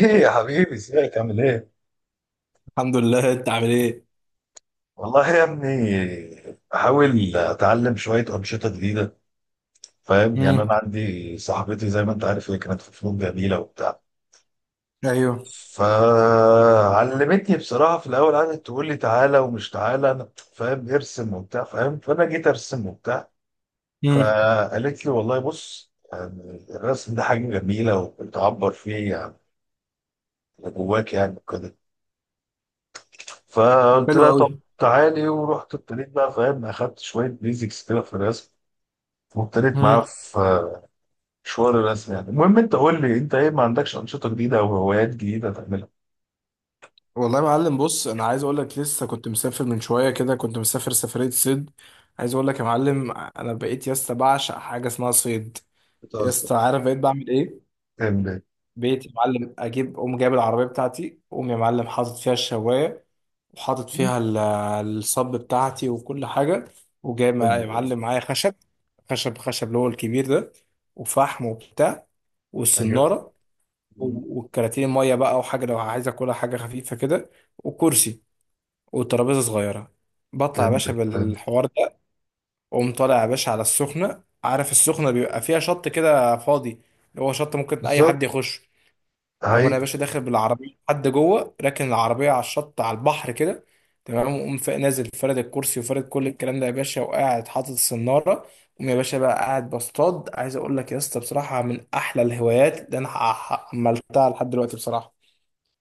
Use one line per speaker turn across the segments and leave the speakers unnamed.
ايه يا حبيبي، ازيك؟ عامل ايه؟
الحمد لله. انت عامل ايه؟
والله يا ابني، بحاول اتعلم شويه انشطه جديده. فاهم يعني،
امم.
انا عندي صاحبتي زي ما انت عارف، هي كانت في فنون جميله وبتاع.
ايوه.
فعلمتني بصراحه. في الاول قعدت تقول لي تعالى ومش تعالى، انا فاهم ارسم وبتاع فاهم، فانا جيت ارسم وبتاع.
امم.
فقالت لي والله بص، يعني الرسم ده حاجه جميله وبتعبر فيه يعني اللي جواك يعني وكده. فقلت
حلو
لها
قوي.
طب تعالي، ورحت ابتديت بقى فاهم، اخدت شويه بيزكس كده في الرسم، وابتديت معاه
امم.
في مشوار الرسم. يعني المهم، انت قول لي انت ايه، ما عندكش انشطه جديده او هوايات جديده تعملها؟
والله يا معلم، بص انا عايز اقول لك لسه كنت مسافر من شويه كده، كنت مسافر سفريه صيد. عايز اقول لك يا معلم، انا بقيت يا اسطى بعشق حاجه اسمها صيد. يا
بتهزر.
اسطى عارف بقيت بعمل ايه؟
تعمل ايه؟
بقيت يا معلم اجيب، اقوم جايب العربيه بتاعتي، اقوم يا معلم حاطط فيها الشوايه، وحاطط فيها الصب بتاعتي وكل حاجه، وجايب يا
ايوه،
معلم معايا خشب خشب خشب اللي هو الكبير ده، وفحم وبتاع،
ايوه.
والسناره، والكراتين ميه بقى، وحاجه لو عايز اكلها حاجه خفيفه كده، وكرسي، وترابيزه صغيره. بطلع يا باشا
فهمتك، فهمت.
بالحوار ده، واقوم طالع يا باشا على السخنه. عارف السخنه بيبقى فيها شط كده فاضي، اللي هو شط ممكن اي
بالظبط.
حد يخش، او
هاي.
انا يا باشا داخل بالعربيه، حد جوه راكن العربيه على الشط على البحر كده. تمام. وقوم نازل فارد الكرسي وفارد كل الكلام ده يا باشا، وقاعد حاطط السناره. قوم يا باشا بقى قاعد بصطاد. عايز اقول لك يا اسطى بصراحه، من احلى الهوايات اللي انا عملتها لحد دلوقتي بصراحه.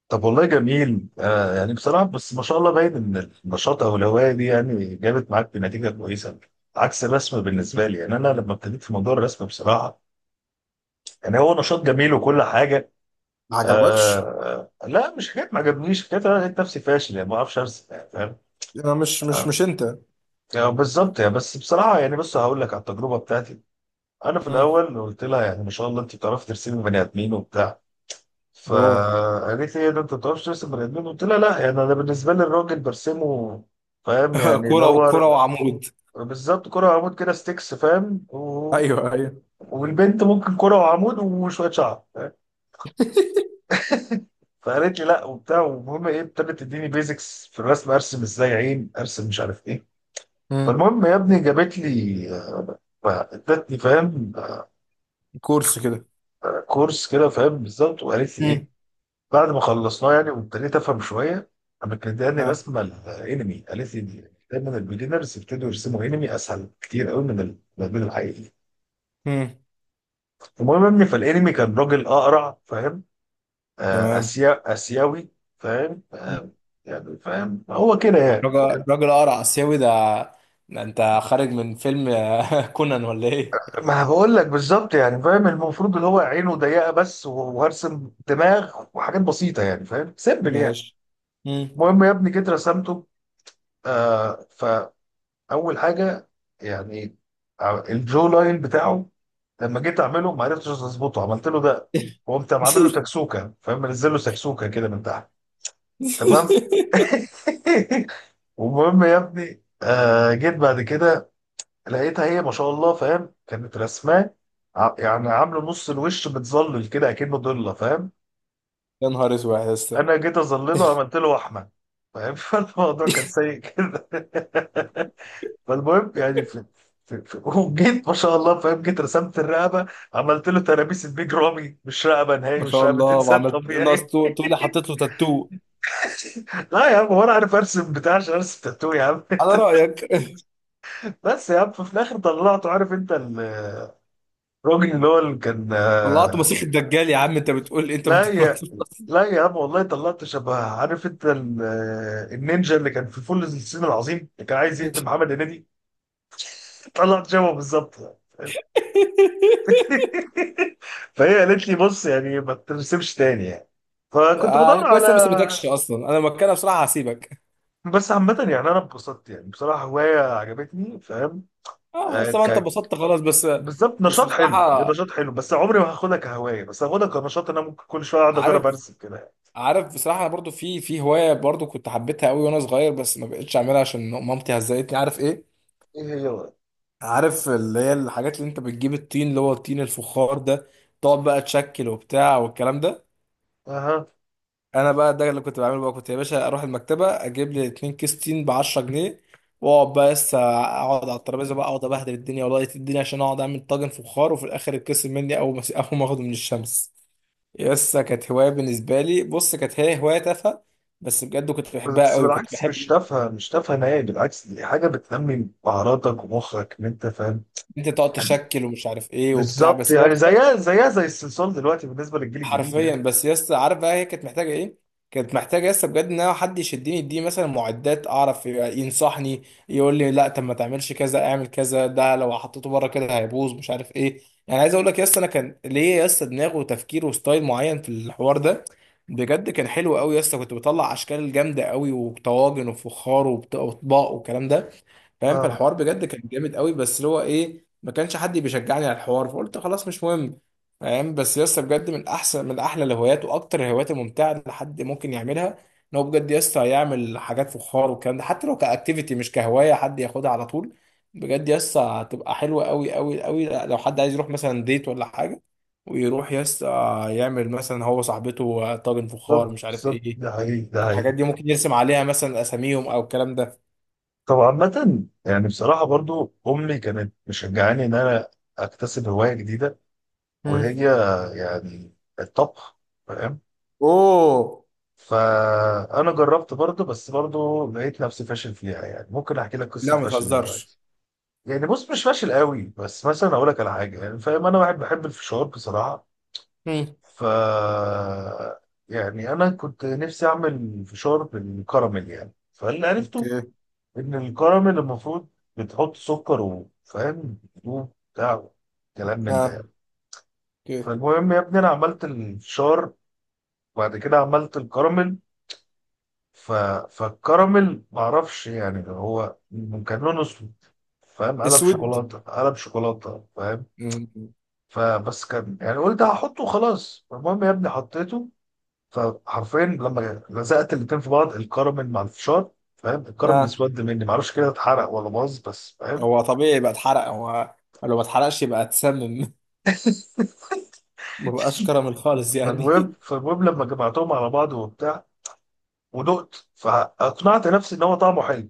طب والله جميل، يعني بصراحه، بس ما شاء الله، باين ان النشاط او الهوايه دي يعني جابت معاك بنتيجه كويسه عكس الرسم بالنسبه لي. يعني انا لما ابتديت في موضوع الرسم بصراحه، يعني هو نشاط جميل وكل حاجه.
ما عجبكش.
آه لا، مش حكايه ما عجبنيش، حكايه انا لقيت نفسي فاشل، يعني ما اعرفش ارسم يعني فاهم.
انا مش مش
آه.
مش انت.
يعني بالظبط يعني، بس بصراحه يعني، بص هقول لك على التجربه بتاعتي. انا في
امم.
الاول قلت لها يعني ما شاء الله انت بتعرفي ترسمي بني ادمين وبتاع.
اوه.
فقالت لي إيه ده، انت ما بتعرفش ترسم بني ادمين؟ قلت لها لا، يعني انا بالنسبه لي الراجل برسمه فاهم، يعني اللي
كرة
هو
وكرة وعمود.
بالظبط كرة وعمود كده ستيكس فاهم
ايوه ايوه.
والبنت ممكن كرة وعمود وشوية شعر. فقالت لي لا وبتاع، والمهم ايه، ابتدت تديني بيزكس في الرسم، ارسم ازاي عين، ارسم مش عارف ايه.
امم.
فالمهم يا ابني، جابت لي، ادتني فاهم
كورس كده.
كورس كده فاهم بالظبط، وقالت لي
مم.
ايه، بعد ما خلصناه يعني وابتديت افهم شويه، قامت مدياني
نعم.
رسمه الانمي، قالت لي دايما البيجنرز يبتدوا يرسموا انمي، اسهل كتير قوي من المدمن الحقيقي.
امم.
المهم يا ابني، فالانمي كان راجل اقرع فاهم،
تمام.
اسيا اسيوي فاهم، يعني فاهم هو كده يعني.
راجل راجل قرع آسيوي ده. ده انت خارج من فيلم كونان ولا ايه؟
ما بقول لك بالظبط يعني فاهم، المفروض اللي هو عينه ضيقه بس، وهرسم دماغ وحاجات بسيطه يعني فاهم سيمبل يعني.
ماشي. مم.
المهم يا ابني جيت رسمته. آه. فاول حاجه يعني، الجو لاين بتاعه، لما جيت اعمله ما عرفتش اظبطه، عملت له ده، وقمت عامل له سكسوكه فاهم، منزل له سكسوكه كده من تحت. تمام. المهم يا ابني، آه، جيت بعد كده لقيتها هي ما شاء الله فاهم كانت رسماه، يعني عامله نص الوش متظلل كده اكنه ضله فاهم.
يا نهار اسود يا اسطى.
انا جيت اظلله، عملت له وحمه فاهم. فالموضوع كان سيء كده. فالمهم يعني في وجيت ما شاء الله فاهم، جيت رسمت الرقبه، عملت له ترابيس البيج رامي، مش رقبه نهائي،
ما
مش
شاء
رقبه
الله،
انسان
وعملت ناقص
طبيعي.
تقول لي حطيت له تاتو.
لا يا عم، هو انا عارف ارسم بتاع عشان ارسم تاتو يا عم؟
على رأيك.
بس يا عم، ففي الاخر طلعته، عارف انت الراجل اللي هو اللي كان.
طلعت مسيح الدجال يا عم، انت بتقول لي انت ما
لا
طلعتش؟
يا لا يا عم والله، طلعت شبه، عارف انت النينجا اللي كان في فول الصين العظيم، اللي كان عايز يقتل محمد هنيدي. طلعت شبهه بالظبط يعني. فهي قالت لي بص، يعني ما ترسمش تاني يعني. فكنت بدور
يعني كويس انا ما
على،
سبتكش، اصلا انا مكانها بصراحه هسيبك.
بس عامة يعني انا اتبسطت، يعني بصراحة هواية عجبتني فاهم.
اه
آه
خلاص، طبعا انت
ك...
اتبسطت خلاص. بس
بالظبط،
بس
نشاط حلو،
بصراحه،
نشاط حلو، بس عمري ما هاخدها كهواية، بس هاخدها كنشاط، إن انا ممكن كل شوية اقعد
عارف،
اجرب ارسم كده يعني.
عارف بصراحه انا برضو في هوايه برضو كنت حبيتها قوي وانا صغير، بس ما بقتش اعملها عشان مامتي هزقتني، عارف ايه.
ايه هي بقى؟
عارف اللي هي الحاجات اللي انت بتجيب، الطين اللي هو الطين الفخار ده، تقعد بقى تشكل وبتاع والكلام ده.
أها.
انا بقى ده اللي كنت بعمله. بقى كنت يا باشا اروح المكتبه، اجيب لي 2 كيس تين ب 10 جنيه، واقعد بقى لسه اقعد على الترابيزه، بقى اقعد ابهدل الدنيا والله الدنيا عشان اقعد اعمل طاجن فخار، وفي الاخر يتكسر مني اول ما اول ما اخده من الشمس. يس كانت هوايه بالنسبه لي. بص كانت هي هوايه تافهه، بس بجد كنت
بس
بحبها
بس
قوي. كنت
بالعكس،
بحب
مش
ان
تافهه، مش تافهه نهائي، بالعكس دي حاجه بتنمي مهاراتك ومخك، ان انت فاهم.
انت تقعد تشكل ومش عارف ايه وبتاع،
بالظبط
بس يس.
يعني، زيها، زيها زي الصلصال دلوقتي بالنسبه للجيل الجديد
حرفيا.
يعني.
بس يا اسطى عارف بقى هي كانت محتاجه ايه؟ كانت محتاجه يا اسطى بجد ان انا حد يشدني، يديني مثلا معدات، اعرف ينصحني، يقول لي لا طب ما تعملش كذا، اعمل كذا، ده لو حطيته بره كده هيبوظ مش عارف ايه. يعني عايز اقول لك يا اسطى، انا كان ليا يا اسطى دماغ وتفكير وستايل معين في الحوار ده. بجد كان حلو قوي يا اسطى، كنت بطلع اشكال جامده قوي، وطواجن، وفخار، واطباق والكلام ده، فاهم.
فاهم؟
فالحوار بجد كان جامد قوي، بس اللي هو ايه، ما كانش حد بيشجعني على الحوار فقلت خلاص مش مهم. فاهم؟ بس يسطا بجد من احسن من احلى الهوايات واكتر الهوايات الممتعه اللي حد ممكن يعملها، ان هو بجد يسطا يعمل حاجات فخار والكلام ده، حتى لو كاكتيفيتي مش كهوايه حد ياخدها على طول. بجد يسطا هتبقى حلوه قوي قوي قوي لو حد عايز يروح مثلا ديت ولا حاجه، ويروح يسطا يعمل مثلا هو صاحبته طاجن
بالظبط،
فخار مش عارف
بالظبط،
ايه.
ده حقيقي، ده
الحاجات
حقيقي.
دي ممكن يرسم عليها مثلا اساميهم او الكلام ده.
طب عامة يعني بصراحة، برضو أمي كانت مشجعاني إن أنا أكتسب هواية جديدة،
مم.
وهي يعني الطبخ فاهم.
اوه.
فأنا جربت برضو، بس برضو لقيت نفسي فاشل فيها، يعني ممكن أحكي لك قصة
لا ما
فشل
تهزرش.
دلوقتي. يعني بص، مش فاشل قوي، بس مثلا اقول لك على حاجه، يعني فاهم انا واحد بحب الفشار بصراحه.
مم.
ف يعني انا كنت نفسي اعمل فشار بالكراميل، يعني فاللي عرفته
اوكي.
ان الكراميل المفروض بتحط سكر وفاهم بتدوب بتاع، كلام من ده
اه.
يعني.
اوكي.
فالمهم يا ابني، انا عملت الفشار، وبعد كده عملت الكراميل. ف... فالكراميل معرفش، يعني هو كان لونه اسود فاهم، قلب
اسود.
شوكولاته قلب شوكولاته فاهم.
مم.
فبس كان يعني، قلت هحطه خلاص، المهم يا ابني حطيته. فحرفيا لما لزقت الاتنين في بعض الكراميل مع الفشار، فاهم الكراميل
اه
اسود مني، معرفش كده اتحرق ولا باظ بس فاهم.
هو طبيعي يبقى اتحرق هو. لو ما اتحرقش يبقى اتسمم. ما بقاش كراميل خالص يعني.
فالمهم فالمهم لما جمعتهم على بعض وبتاع، ودقت، فاقنعت نفسي ان هو طعمه حلو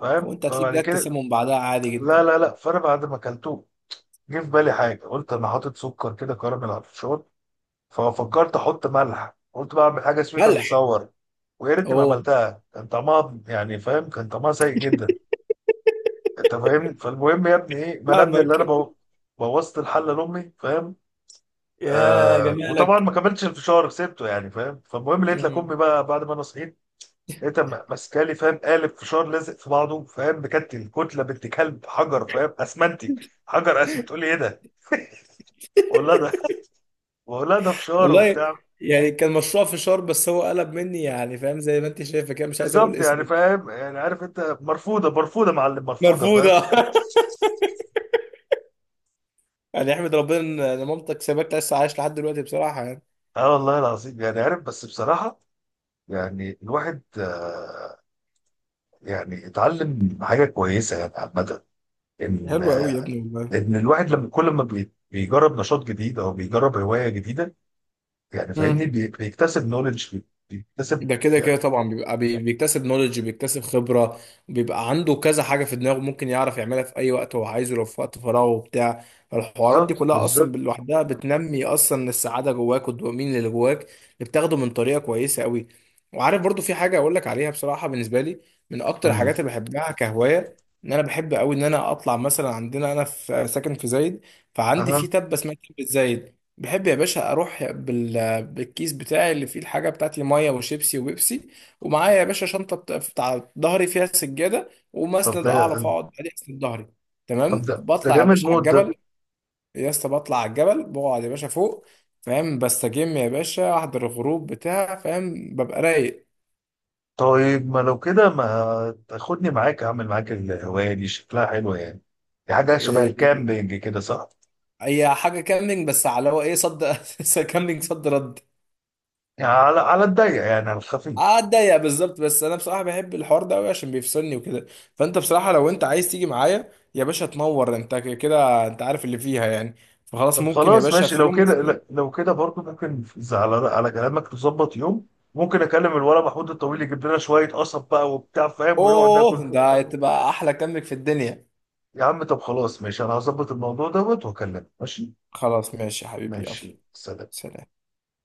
فاهم.
وانت هتلاقيك
فبعد
جاك
كده،
تسمم بعدها عادي
لا
جدا.
لا لا فانا بعد ما اكلته جه في بالي حاجه، قلت انا حاطط سكر كده كراميل على الفشار، ففكرت احط ملح، قلت بقى اعمل حاجه سويت اند.
ملح.
ويا ريتني ما
اوه.
عملتها، كان طعمها يعني فاهم، كان طعمها سيء جدا. انت فاهمني، فالمهم يا ابني ايه، ما انا ابني اللي
فاهمك.
انا بوظت الحله لامي فاهم.
يا
آه، وطبعا
جمالك.
ما كملتش الفشار، سبته يعني فاهم. فالمهم لقيت لك امي
مم.
بقى بعد ما انا صحيت، لقيتها ماسكالي فاهم، قالب فشار لازق في بعضه فاهم، بكتل، كتله بنت كلب، حجر فاهم، اسمنتي، حجر اسود. تقول لي ايه ده؟ بقول لها ده، فشار
والله.
وبتاع.
يعني كان مشروع فشار بس هو قلب مني، يعني فاهم زي ما انت شايفه كده، مش عايز اقول
بالظبط يعني
اسمه.
فاهم، يعني عارف انت، مرفوضه، مرفوضه معلم، مرفوضه
مرفوضه.
فاهم.
يعني احمد ربنا إن مامتك سابك لسه عايش لحد دلوقتي بصراحه يعني.
اه والله العظيم يعني عارف، بس بصراحة يعني الواحد، يعني اتعلم حاجة كويسة يعني عامة، ان
حلو قوي يا ابني والله.
ان الواحد لما كل ما بيجرب نشاط جديد او بيجرب هواية جديدة، يعني فاهمني، بيكتسب نولج، بيكتسب
ده كده كده
يعني.
طبعا، بيبقى بيكتسب نولج، بيكتسب خبرة، بيبقى عنده كذا حاجة في دماغه ممكن يعرف يعملها في أي وقت هو عايزه، لو في وقت فراغه وبتاع. فالحوارات دي
بالظبط،
كلها أصلا
بالظبط.
لوحدها بتنمي أصلا السعادة جواك، والدوبامين اللي جواك اللي بتاخده من طريقة كويسة أوي. وعارف برضو في حاجة أقول لك عليها بصراحة، بالنسبة لي من أكتر
طيب.
الحاجات اللي بحبها كهواية، إن أنا بحب أوي إن أنا أطلع مثلا. عندنا أنا في ساكن في زايد، فعندي في
اه.
تبة اسمها تبة زايد. بحب يا باشا أروح بالكيس بتاعي اللي فيه الحاجة بتاعتي، مية وشيبسي وبيبسي، ومعايا يا باشا شنطة بتاع ظهري فيها سجادة
طب
ومسند
ده
أعرف أقعد عليه أسند ظهري.
طب
تمام.
ده
بطلع يا
جامد
باشا على
موت ده.
الجبل. يا اسطى بطلع على الجبل، بقعد يا باشا فوق، فاهم، بستجم يا باشا، أحضر الغروب بتاع، فاهم ببقى رايق.
طيب، ما لو كده ما تاخدني معاك؟ اعمل معاك الهواية دي، شكلها حلوة يعني. دي حاجة شبه
إيه،
الكامبينج كده، صح؟
هي حاجة كاملينج، بس على هو إيه صد. كاملينج صد رد.
يعني على الضيق يعني، على الخفيف.
اتضايق بالظبط. بس انا بصراحه بحب الحوار ده قوي عشان بيفصلني وكده. فانت بصراحه لو انت عايز تيجي معايا يا باشا تنور انت، كده انت عارف اللي فيها يعني. فخلاص
طب
ممكن يا
خلاص
باشا
ماشي،
في
لو
يوم
كده
مثلا.
لا، لو كده برضه ممكن على كلامك تظبط يوم، ممكن اكلم الولد محمود الطويل يجيب لنا شويه قصب بقى وبتاع فاهم، ونقعد ناكل
اوه،
فوق.
ده هتبقى احلى كامبك في الدنيا.
يا عم طب خلاص ماشي، انا هظبط الموضوع دوت واكلمك. ماشي.
خلاص ماشي يا حبيبي، يلا.
ماشي، سلام.
سلام.